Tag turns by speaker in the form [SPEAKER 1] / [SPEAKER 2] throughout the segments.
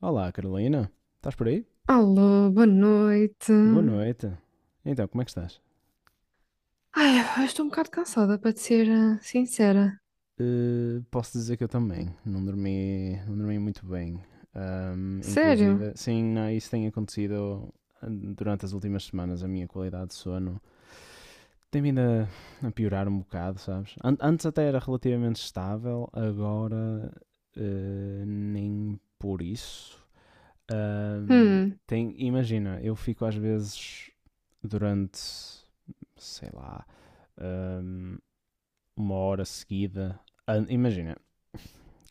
[SPEAKER 1] Olá, Carolina. Estás por aí?
[SPEAKER 2] Alô, boa noite.
[SPEAKER 1] Boa noite. Então, como é que estás?
[SPEAKER 2] Ai, eu estou um bocado cansada, para te ser sincera.
[SPEAKER 1] Posso dizer que eu também. Não dormi muito bem.
[SPEAKER 2] Sério?
[SPEAKER 1] Inclusive, sim, não, isso tem acontecido durante as últimas semanas. A minha qualidade de sono tem vindo a piorar um bocado, sabes? Antes até era relativamente estável, agora nem por isso.
[SPEAKER 2] Hum,
[SPEAKER 1] Imagina, eu fico às vezes durante, sei lá, hum, uma hora seguida. Imagina,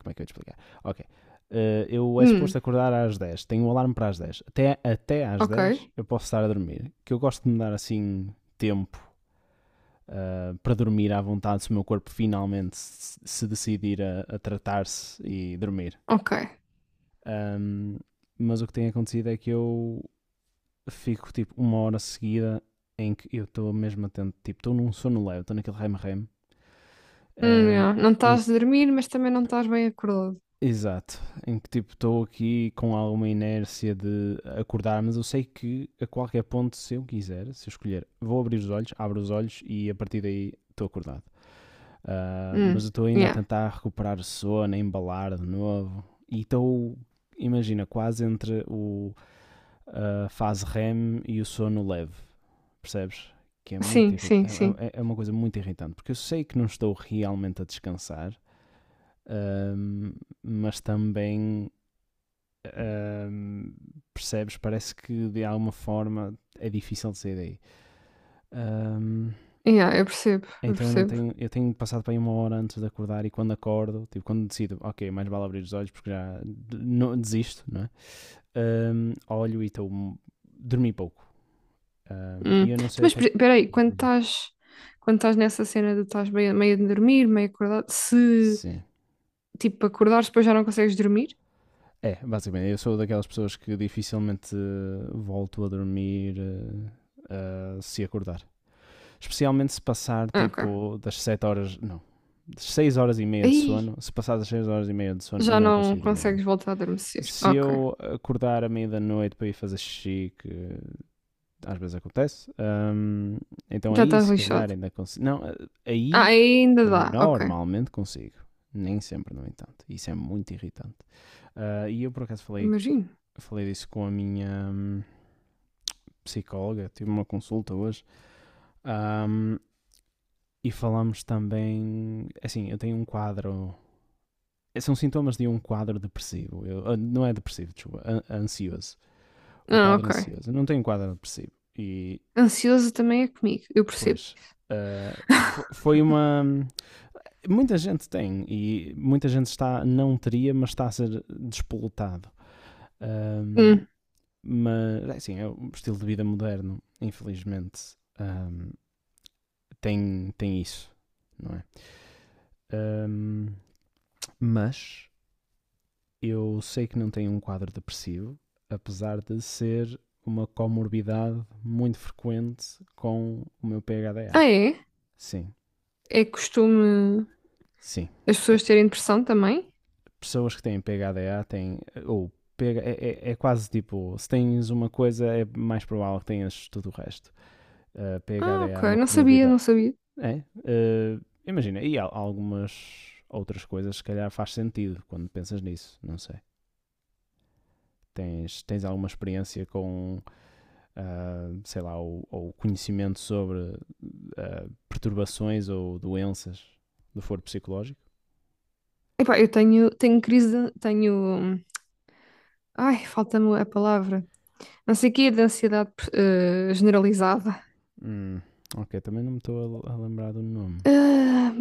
[SPEAKER 1] como é que eu ia te explicar? Ok. Eu é suposto
[SPEAKER 2] hum,
[SPEAKER 1] acordar às 10, tenho um alarme para as 10. Até às
[SPEAKER 2] ok,
[SPEAKER 1] 10 eu posso estar a dormir. Que eu gosto de me dar assim tempo para dormir à vontade, se o meu corpo finalmente se decidir a tratar-se e dormir.
[SPEAKER 2] ok.
[SPEAKER 1] Ahm, mas o que tem acontecido é que eu fico tipo uma hora seguida em que eu estou mesmo atento, tipo, estou num sono leve, estou naquele rem-rem, ahm,
[SPEAKER 2] Yeah. Não
[SPEAKER 1] em
[SPEAKER 2] estás a dormir, mas também não estás bem acordado.
[SPEAKER 1] exato, em que tipo estou aqui com alguma inércia de acordar, mas eu sei que a qualquer ponto, se eu quiser, se eu escolher, vou abrir os olhos, abro os olhos e a partir daí estou acordado. Ah, mas eu
[SPEAKER 2] Hum,
[SPEAKER 1] estou ainda a
[SPEAKER 2] yeah.
[SPEAKER 1] tentar recuperar o sono, a embalar de novo e estou, imagina, quase entre o, a fase REM e o sono leve, percebes? Que é muito
[SPEAKER 2] Sim,
[SPEAKER 1] irritante,
[SPEAKER 2] sim, sim.
[SPEAKER 1] é uma coisa muito irritante, porque eu sei que não estou realmente a descansar, ah, mas também Ahm, percebes? Parece que de alguma forma é difícil de sair daí. Ahm,
[SPEAKER 2] Yeah, eu percebo, eu
[SPEAKER 1] então eu não
[SPEAKER 2] percebo.
[SPEAKER 1] tenho, eu tenho passado para aí uma hora antes de acordar e quando acordo, tipo, quando decido, ok, mais vale abrir os olhos porque já não, desisto, não é? Olho e estou dormi pouco.
[SPEAKER 2] Hum.
[SPEAKER 1] E eu
[SPEAKER 2] Então,
[SPEAKER 1] não sei
[SPEAKER 2] mas
[SPEAKER 1] até
[SPEAKER 2] pe-
[SPEAKER 1] que.
[SPEAKER 2] peraí, quando estás nessa cena de estás meio a dormir, meio acordado, se
[SPEAKER 1] Sim.
[SPEAKER 2] tipo acordares depois já não consegues dormir?
[SPEAKER 1] É, basicamente, eu sou daquelas pessoas que dificilmente volto a dormir se acordar. Especialmente se passar
[SPEAKER 2] Ah, ok.
[SPEAKER 1] tipo das 7 horas, não, das seis horas e meia de
[SPEAKER 2] Aí
[SPEAKER 1] sono. Se passar das 6 horas e meia de sono,
[SPEAKER 2] já
[SPEAKER 1] não
[SPEAKER 2] não
[SPEAKER 1] consigo dormir
[SPEAKER 2] consegues
[SPEAKER 1] mais.
[SPEAKER 2] voltar a adormecer.
[SPEAKER 1] Se
[SPEAKER 2] Ok.
[SPEAKER 1] eu acordar à meia da noite para ir fazer xixi, que às vezes acontece, então
[SPEAKER 2] Já
[SPEAKER 1] aí
[SPEAKER 2] estás
[SPEAKER 1] se calhar
[SPEAKER 2] lixado.
[SPEAKER 1] ainda consigo. Não,
[SPEAKER 2] Ah,
[SPEAKER 1] aí
[SPEAKER 2] aí ainda dá, ok.
[SPEAKER 1] normalmente consigo. Nem sempre, no entanto. Isso é muito irritante. Ah, e eu por acaso falei,
[SPEAKER 2] Imagino.
[SPEAKER 1] falei disso com a minha psicóloga, tive uma consulta hoje. Ahm, E falamos também. Assim, eu tenho um quadro. São sintomas de um quadro depressivo. Eu, ah, não é depressivo, desculpa. Ansioso. Um
[SPEAKER 2] Ah,
[SPEAKER 1] quadro
[SPEAKER 2] ok.
[SPEAKER 1] ansioso. Eu não tenho um quadro depressivo. E,
[SPEAKER 2] Ansioso também é comigo, eu percebo.
[SPEAKER 1] pois. ah, Foi uma. Muita gente tem. E muita gente está. Não teria, mas está a ser despoletado. Ahm,
[SPEAKER 2] Hum.
[SPEAKER 1] mas, é assim, é um estilo de vida moderno, infelizmente. Tem isso, não é? Ahm, mas Eu sei que não tenho um quadro depressivo, apesar de ser uma comorbidade muito frequente com o meu PHDA.
[SPEAKER 2] Ah, é?
[SPEAKER 1] Sim,
[SPEAKER 2] É costume
[SPEAKER 1] sim.
[SPEAKER 2] as
[SPEAKER 1] É,
[SPEAKER 2] pessoas terem depressão também?
[SPEAKER 1] pessoas que têm PHDA têm. Ou PH, é quase tipo: se tens uma coisa, é mais provável que tenhas tudo o resto.
[SPEAKER 2] Ah,
[SPEAKER 1] PHDA é
[SPEAKER 2] ok.
[SPEAKER 1] uma
[SPEAKER 2] Não sabia, não
[SPEAKER 1] comorbidade.
[SPEAKER 2] sabia.
[SPEAKER 1] É. Imagina, e há algumas outras coisas, se calhar faz sentido quando pensas nisso. Não sei. Tens alguma experiência com sei lá, ou conhecimento sobre perturbações ou doenças do foro psicológico.
[SPEAKER 2] Epá, eu tenho crise, de, tenho. Ai, falta-me a palavra. Não sei o quê, de ansiedade generalizada.
[SPEAKER 1] Hum, ok, também não me estou a lembrar do nome.
[SPEAKER 2] Ah,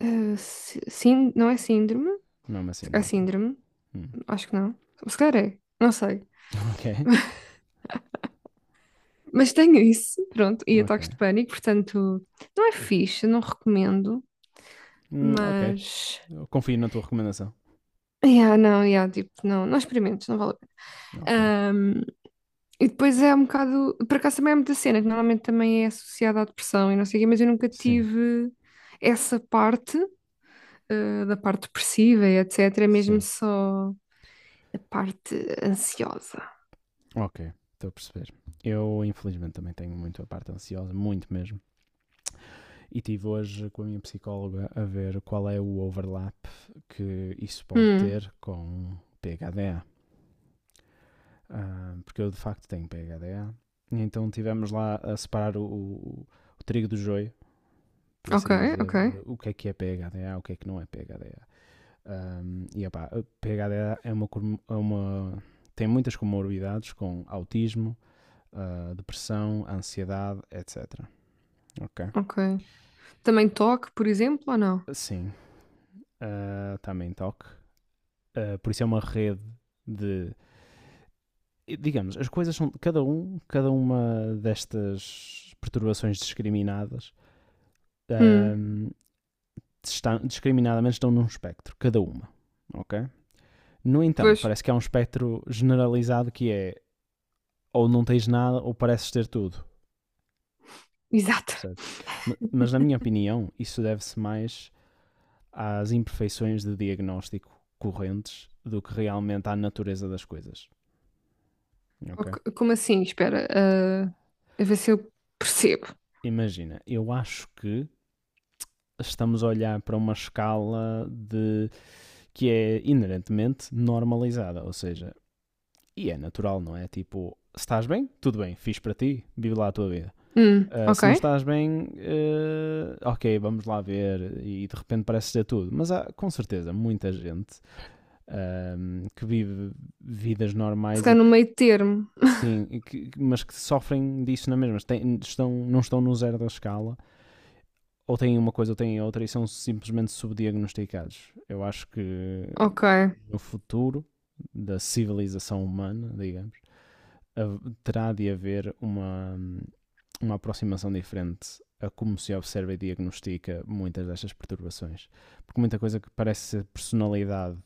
[SPEAKER 2] sim, não é síndrome?
[SPEAKER 1] Nome assim,
[SPEAKER 2] É
[SPEAKER 1] ok.
[SPEAKER 2] síndrome?
[SPEAKER 1] Hum,
[SPEAKER 2] Acho que não. Se calhar é. Não sei.
[SPEAKER 1] ok,
[SPEAKER 2] Mas tenho isso, pronto, e
[SPEAKER 1] ok.
[SPEAKER 2] ataques de pânico, portanto, não é fixe, não recomendo,
[SPEAKER 1] Ok,
[SPEAKER 2] mas.
[SPEAKER 1] eu confio na tua recomendação.
[SPEAKER 2] Yeah, não, yeah, tipo, não, não experimentes, não vale a pena.
[SPEAKER 1] Ok,
[SPEAKER 2] Ahm, e depois é um bocado. Por acaso também é muita cena, que normalmente também é associada à depressão e não sei o quê, mas eu nunca
[SPEAKER 1] sim,
[SPEAKER 2] tive essa parte, da parte depressiva e etc. É mesmo
[SPEAKER 1] sim,
[SPEAKER 2] só a parte ansiosa.
[SPEAKER 1] ok. Estou a perceber. Eu, infelizmente, também tenho muito a parte ansiosa, muito mesmo. E tive hoje com a minha psicóloga a ver qual é o overlap que isso pode
[SPEAKER 2] Hum,
[SPEAKER 1] ter com PHD, porque eu de facto tenho PHDA. E então tivemos lá a separar o trigo do joio, por
[SPEAKER 2] ok,
[SPEAKER 1] assim dizer,
[SPEAKER 2] ok,
[SPEAKER 1] de o que é PHDA, o que é que não é PHDA. Opá, P H D a PHDA é é uma- tem muitas comorbidades com autismo, ah, depressão, ansiedade, etc. Ok?
[SPEAKER 2] ok. Também toque, por exemplo, ou não?
[SPEAKER 1] Sim, ah, também toque. Ah, por isso é uma rede de, digamos, as coisas são cada uma destas perturbações discriminadas,
[SPEAKER 2] Hum,
[SPEAKER 1] ahm, estão, discriminadamente estão num espectro, cada uma, ok? No entanto,
[SPEAKER 2] pois.
[SPEAKER 1] parece que há um espectro generalizado que é ou não tens nada ou pareces ter tudo,
[SPEAKER 2] Exato.
[SPEAKER 1] percebes? Mas na minha opinião, isso deve-se mais às imperfeições de diagnóstico correntes do que realmente à natureza das coisas, ok?
[SPEAKER 2] Ok, como assim? Espera, a ver se eu percebo.
[SPEAKER 1] Imagina, eu acho que estamos a olhar para uma escala de que é inerentemente normalizada, ou seja, e é natural, não é? Tipo, se estás bem, tudo bem, fiz para ti, vive lá a tua vida. Ah,
[SPEAKER 2] Ok.
[SPEAKER 1] se não estás bem, eh, ok, vamos lá ver, e de repente parece ser tudo. Mas há com certeza muita gente que vive vidas
[SPEAKER 2] Se
[SPEAKER 1] normais e
[SPEAKER 2] calhar no
[SPEAKER 1] que,
[SPEAKER 2] meio termo.
[SPEAKER 1] sim, e que- mas que sofrem disso na mesma. Têm- estão, não estão no zero da escala, ou têm uma coisa ou têm outra, e são simplesmente subdiagnosticados. Eu acho que
[SPEAKER 2] Ok,
[SPEAKER 1] no futuro da civilização humana, digamos, terá de haver uma aproximação diferente a como se observa e diagnostica muitas destas perturbações. Porque muita coisa que parece ser personalidade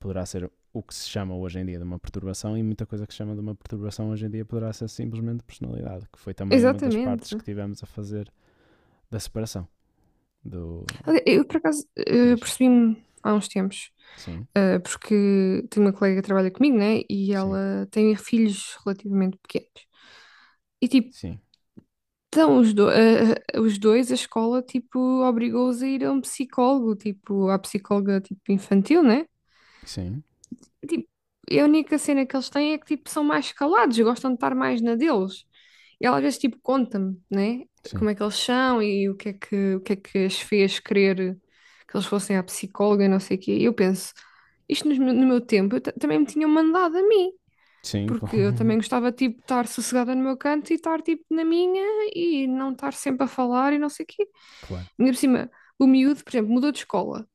[SPEAKER 1] poderá ser o que se chama hoje em dia de uma perturbação e muita coisa que se chama de uma perturbação hoje em dia poderá ser simplesmente personalidade, que foi também uma das partes que
[SPEAKER 2] exatamente.
[SPEAKER 1] tivemos a fazer da separação do...
[SPEAKER 2] Olha, eu, por acaso,
[SPEAKER 1] Diz.
[SPEAKER 2] percebi-me há uns tempos,
[SPEAKER 1] Sim,
[SPEAKER 2] porque tenho uma colega que trabalha comigo, né? E
[SPEAKER 1] sim,
[SPEAKER 2] ela tem filhos relativamente pequenos. E, tipo,
[SPEAKER 1] sim,
[SPEAKER 2] então os, do- eh, eh, os dois, a escola, tipo, obrigou-os a ir a um psicólogo, tipo, à psicóloga, tipo, infantil, né?
[SPEAKER 1] sim,
[SPEAKER 2] Tipo, a única cena que eles têm é que, tipo, são mais calados, gostam de estar mais na deles. E ela às vezes, tipo, conta-me, né?
[SPEAKER 1] sim,
[SPEAKER 2] Como é que eles são e o que é que as fez querer que eles fossem à psicóloga e não sei o quê. E eu penso, isto nos no meu tempo eu também me tinham mandado a mim.
[SPEAKER 1] sim,
[SPEAKER 2] Porque eu também gostava, tipo, de estar sossegada no meu canto e estar, tipo, na minha e não estar sempre a falar e não sei o quê.
[SPEAKER 1] claro,
[SPEAKER 2] Ainda por cima, o miúdo, por exemplo, mudou de escola.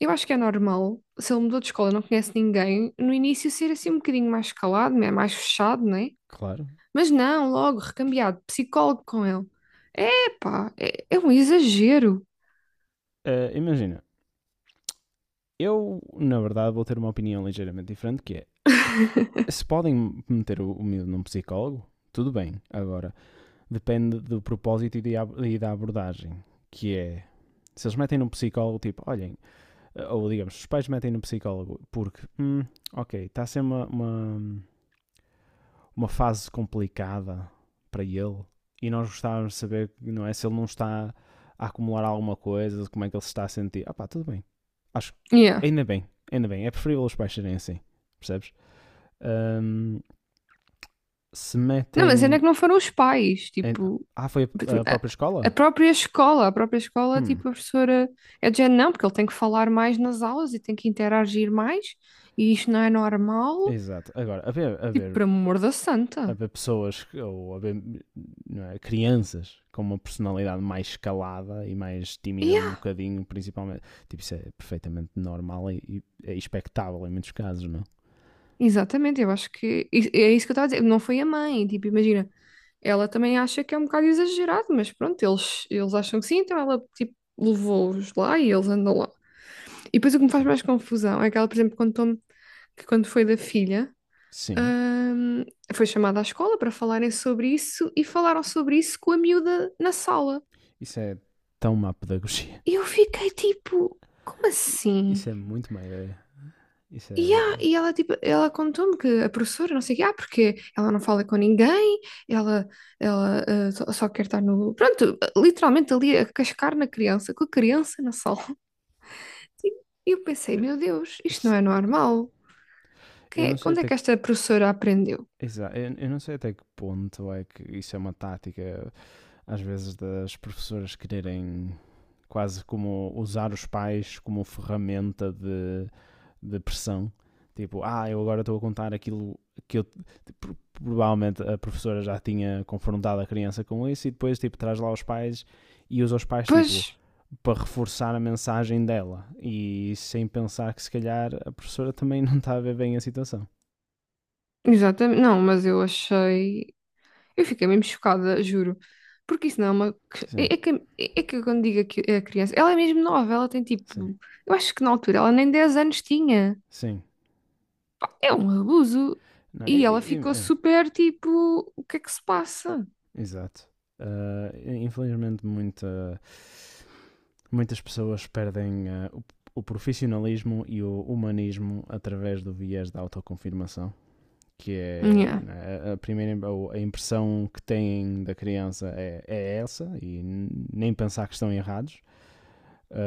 [SPEAKER 2] Eu acho que é normal, se ele mudou de escola, não conhece ninguém, no início ser assim um bocadinho mais calado, né, mais fechado, né?
[SPEAKER 1] claro.
[SPEAKER 2] Mas não, logo, recambiado, psicólogo com ele. Epá, é um exagero.
[SPEAKER 1] Imagina, eu, na verdade, vou ter uma opinião ligeiramente diferente, que é, se podem meter o miúdo num psicólogo, tudo bem. Agora, depende do propósito e da abordagem, que é... Se eles metem num psicólogo, tipo, olhem, ou digamos, os pais metem num psicólogo porque, ok, está a ser uma fase complicada para ele e nós gostávamos de saber, não é, se ele não está a acumular alguma coisa, como é que ele se está a sentir. Ah pá, tudo bem. Acho que
[SPEAKER 2] Yeah.
[SPEAKER 1] ainda bem. É preferível os pais serem assim, percebes? Ahm, Se
[SPEAKER 2] Não, mas ainda
[SPEAKER 1] metem.
[SPEAKER 2] é que não foram os pais,
[SPEAKER 1] em-
[SPEAKER 2] tipo,
[SPEAKER 1] Ah, foi a
[SPEAKER 2] a
[SPEAKER 1] própria
[SPEAKER 2] a
[SPEAKER 1] escola?
[SPEAKER 2] própria escola,
[SPEAKER 1] Hum,
[SPEAKER 2] tipo, a professora é de género, não, porque ele tem que falar mais nas aulas e tem que interagir mais, e isto não é normal,
[SPEAKER 1] exato. Agora,
[SPEAKER 2] tipo, por amor da santa.
[SPEAKER 1] haver pessoas ou haver, não é, crianças com uma personalidade mais escalada e mais tímida um
[SPEAKER 2] Ya,
[SPEAKER 1] bocadinho, principalmente. Tipo, isso é perfeitamente normal e é expectável em muitos casos, não?
[SPEAKER 2] exatamente, eu acho que é isso que eu estava a dizer. Não foi a mãe, tipo, imagina, ela também acha que é um bocado exagerado, mas pronto, eles acham que sim, então ela tipo levou-os lá e eles andam lá. E depois o que me faz
[SPEAKER 1] Sim.
[SPEAKER 2] mais confusão é que ela, por exemplo, contou-me que quando foi da filha,
[SPEAKER 1] Sim.
[SPEAKER 2] hum, foi chamada à escola para falarem sobre isso e falaram sobre isso com a miúda na sala.
[SPEAKER 1] Isso é tão má pedagogia.
[SPEAKER 2] E eu fiquei tipo, como
[SPEAKER 1] Isso
[SPEAKER 2] assim?
[SPEAKER 1] é muito má ideia. Isso
[SPEAKER 2] E, ah
[SPEAKER 1] é.
[SPEAKER 2] e ela, tipo, ela contou-me que a professora, não sei o quê, porque ela não fala com ninguém, ela, ela só quer estar no... Pronto, literalmente ali a cascar na criança, com a criança na sala. Tipo, e eu pensei, meu
[SPEAKER 1] é-
[SPEAKER 2] Deus, isto não é normal.
[SPEAKER 1] Eu não sei
[SPEAKER 2] Onde é
[SPEAKER 1] até
[SPEAKER 2] que
[SPEAKER 1] que.
[SPEAKER 2] esta professora aprendeu?
[SPEAKER 1] Exato. Eu não sei até que ponto é que isso é uma tática às vezes das professoras quererem quase como usar os pais como ferramenta de pressão. Tipo, ah, eu agora estou a contar aquilo que eu. Tipo, provavelmente a professora já tinha confrontado a criança com isso e depois, tipo, traz lá os pais e usa os pais,
[SPEAKER 2] Pois,
[SPEAKER 1] tipo, para reforçar a mensagem dela e sem pensar que se calhar a professora também não está a ver bem a situação.
[SPEAKER 2] exatamente, não, mas eu achei... Eu fiquei mesmo chocada, juro. Porque isso não é uma...
[SPEAKER 1] Sim,
[SPEAKER 2] É, é que eu quando digo que é a criança, ela é mesmo nova, ela tem tipo...
[SPEAKER 1] sim,
[SPEAKER 2] Eu acho que na altura ela nem 10 anos tinha.
[SPEAKER 1] sim.
[SPEAKER 2] É um abuso.
[SPEAKER 1] Não,
[SPEAKER 2] E ela ficou super tipo, o que é que se passa?
[SPEAKER 1] exato. Uh, Infelizmente, muitas pessoas perdem o profissionalismo e o humanismo através do viés da autoconfirmação, que é,
[SPEAKER 2] Yeah,
[SPEAKER 1] né, a primeira, a impressão que têm da criança é essa e nem pensar que estão errados.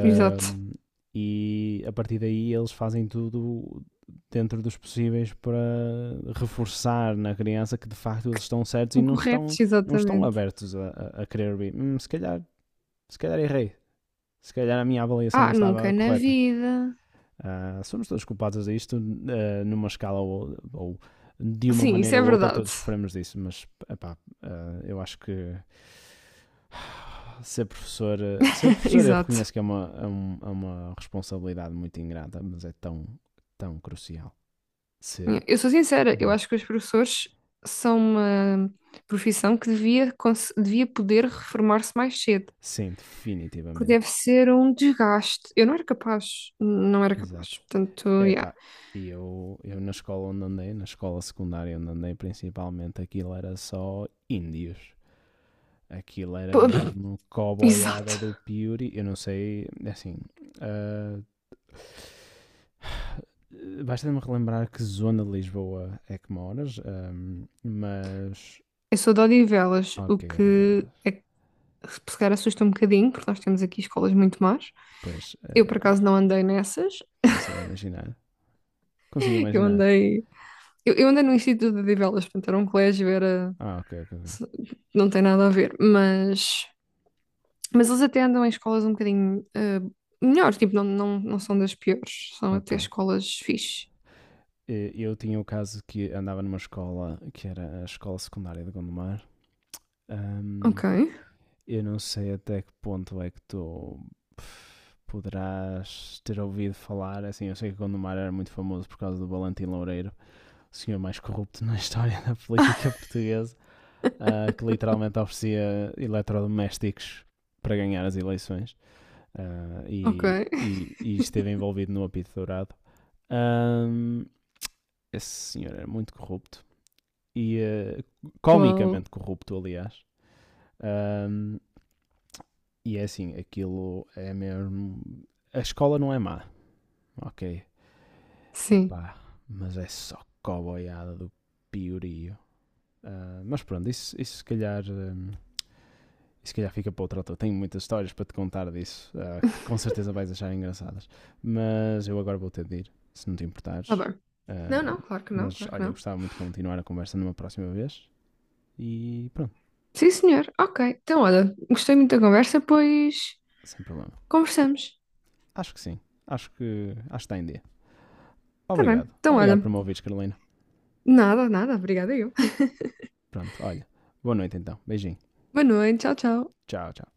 [SPEAKER 2] exato.
[SPEAKER 1] e a partir daí eles fazem tudo dentro dos possíveis para reforçar na criança que de facto eles estão certos e
[SPEAKER 2] Estão
[SPEAKER 1] não estão,
[SPEAKER 2] corretos,
[SPEAKER 1] não estão
[SPEAKER 2] exatamente.
[SPEAKER 1] abertos a querer ouvir. Se calhar errei, se calhar a minha avaliação não
[SPEAKER 2] Ah, nunca
[SPEAKER 1] estava
[SPEAKER 2] na
[SPEAKER 1] correta.
[SPEAKER 2] vida.
[SPEAKER 1] Ah, somos todos culpados disto, ah, numa escala ou de uma
[SPEAKER 2] Sim, isso
[SPEAKER 1] maneira
[SPEAKER 2] é
[SPEAKER 1] ou outra,
[SPEAKER 2] verdade.
[SPEAKER 1] todos sofremos disso, mas epá, eu acho que ser professor, eu
[SPEAKER 2] Exato.
[SPEAKER 1] reconheço que é é uma responsabilidade muito ingrata, mas é tão crucial
[SPEAKER 2] Yeah.
[SPEAKER 1] ser
[SPEAKER 2] Eu sou sincera, eu
[SPEAKER 1] bom.
[SPEAKER 2] acho que os professores são uma profissão que devia, devia poder reformar-se mais cedo,
[SPEAKER 1] Sim,
[SPEAKER 2] porque
[SPEAKER 1] definitivamente.
[SPEAKER 2] deve ser um desgaste. Eu não era capaz, não era
[SPEAKER 1] Exato.
[SPEAKER 2] capaz, portanto, yeah.
[SPEAKER 1] Epá, e eu na escola onde andei, na escola secundária onde andei, principalmente aquilo era só índios. Aquilo era
[SPEAKER 2] Pô,
[SPEAKER 1] mesmo coboiada
[SPEAKER 2] exato.
[SPEAKER 1] do Piuri. Eu não sei, é assim. ah, Basta-me relembrar que zona de Lisboa é que moras, mas.
[SPEAKER 2] Eu sou de Odivelas, o
[SPEAKER 1] Ok,
[SPEAKER 2] que
[SPEAKER 1] Odivelas.
[SPEAKER 2] é se calhar assusta um bocadinho, porque nós temos aqui escolas muito más.
[SPEAKER 1] Pois,
[SPEAKER 2] Eu, por acaso, não andei nessas.
[SPEAKER 1] consigo imaginar. Consigo
[SPEAKER 2] Eu
[SPEAKER 1] imaginar.
[SPEAKER 2] andei, eu andei no Instituto de Odivelas, portanto, era um colégio, era,
[SPEAKER 1] Ah, ok, ok, ok.
[SPEAKER 2] não tem nada a ver. mas, eles até andam em escolas um bocadinho melhores, tipo, não, não, não são das piores, são
[SPEAKER 1] Ok.
[SPEAKER 2] até escolas fixe.
[SPEAKER 1] Eu tinha o caso que andava numa escola que era a escola secundária de Gondomar. ahm,
[SPEAKER 2] Ok,
[SPEAKER 1] Eu não sei até que ponto é que tu poderás ter ouvido falar. Assim, eu sei que Gondomar era muito famoso por causa do Valentim Loureiro, o senhor mais corrupto na história da política portuguesa, que literalmente oferecia eletrodomésticos para ganhar as eleições,
[SPEAKER 2] ok.
[SPEAKER 1] e esteve envolvido no apito dourado. Ahm, Esse senhor era muito corrupto e comicamente
[SPEAKER 2] Uau,
[SPEAKER 1] corrupto, aliás. Ahm, E é assim, aquilo é mesmo. A escola não é má, ok?
[SPEAKER 2] sim.
[SPEAKER 1] Epá, mas é só coboiada do piorio. Ah, mas pronto, isso se calhar. Isso se calhar fica para outra altura. Tenho muitas histórias para te contar disso, que com certeza vais achar engraçadas. Mas eu agora vou ter de ir, se não te
[SPEAKER 2] Tá
[SPEAKER 1] importares.
[SPEAKER 2] bem.
[SPEAKER 1] Ah,
[SPEAKER 2] Não, não, claro que não,
[SPEAKER 1] mas
[SPEAKER 2] claro que
[SPEAKER 1] olha,
[SPEAKER 2] não.
[SPEAKER 1] gostava muito de continuar a conversa numa próxima vez. E pronto,
[SPEAKER 2] Sim, senhor. Ok. Então, olha, gostei muito da conversa, pois
[SPEAKER 1] sem problema.
[SPEAKER 2] conversamos.
[SPEAKER 1] Acho que sim. Acho que está em dia.
[SPEAKER 2] Tá bem.
[SPEAKER 1] Obrigado.
[SPEAKER 2] Então,
[SPEAKER 1] Obrigado por
[SPEAKER 2] olha,
[SPEAKER 1] me ouvires, Carolina.
[SPEAKER 2] nada, nada. Obrigada eu.
[SPEAKER 1] Pronto, olha. Boa noite então. Beijinho.
[SPEAKER 2] Boa noite. Tchau, tchau.
[SPEAKER 1] Tchau, tchau.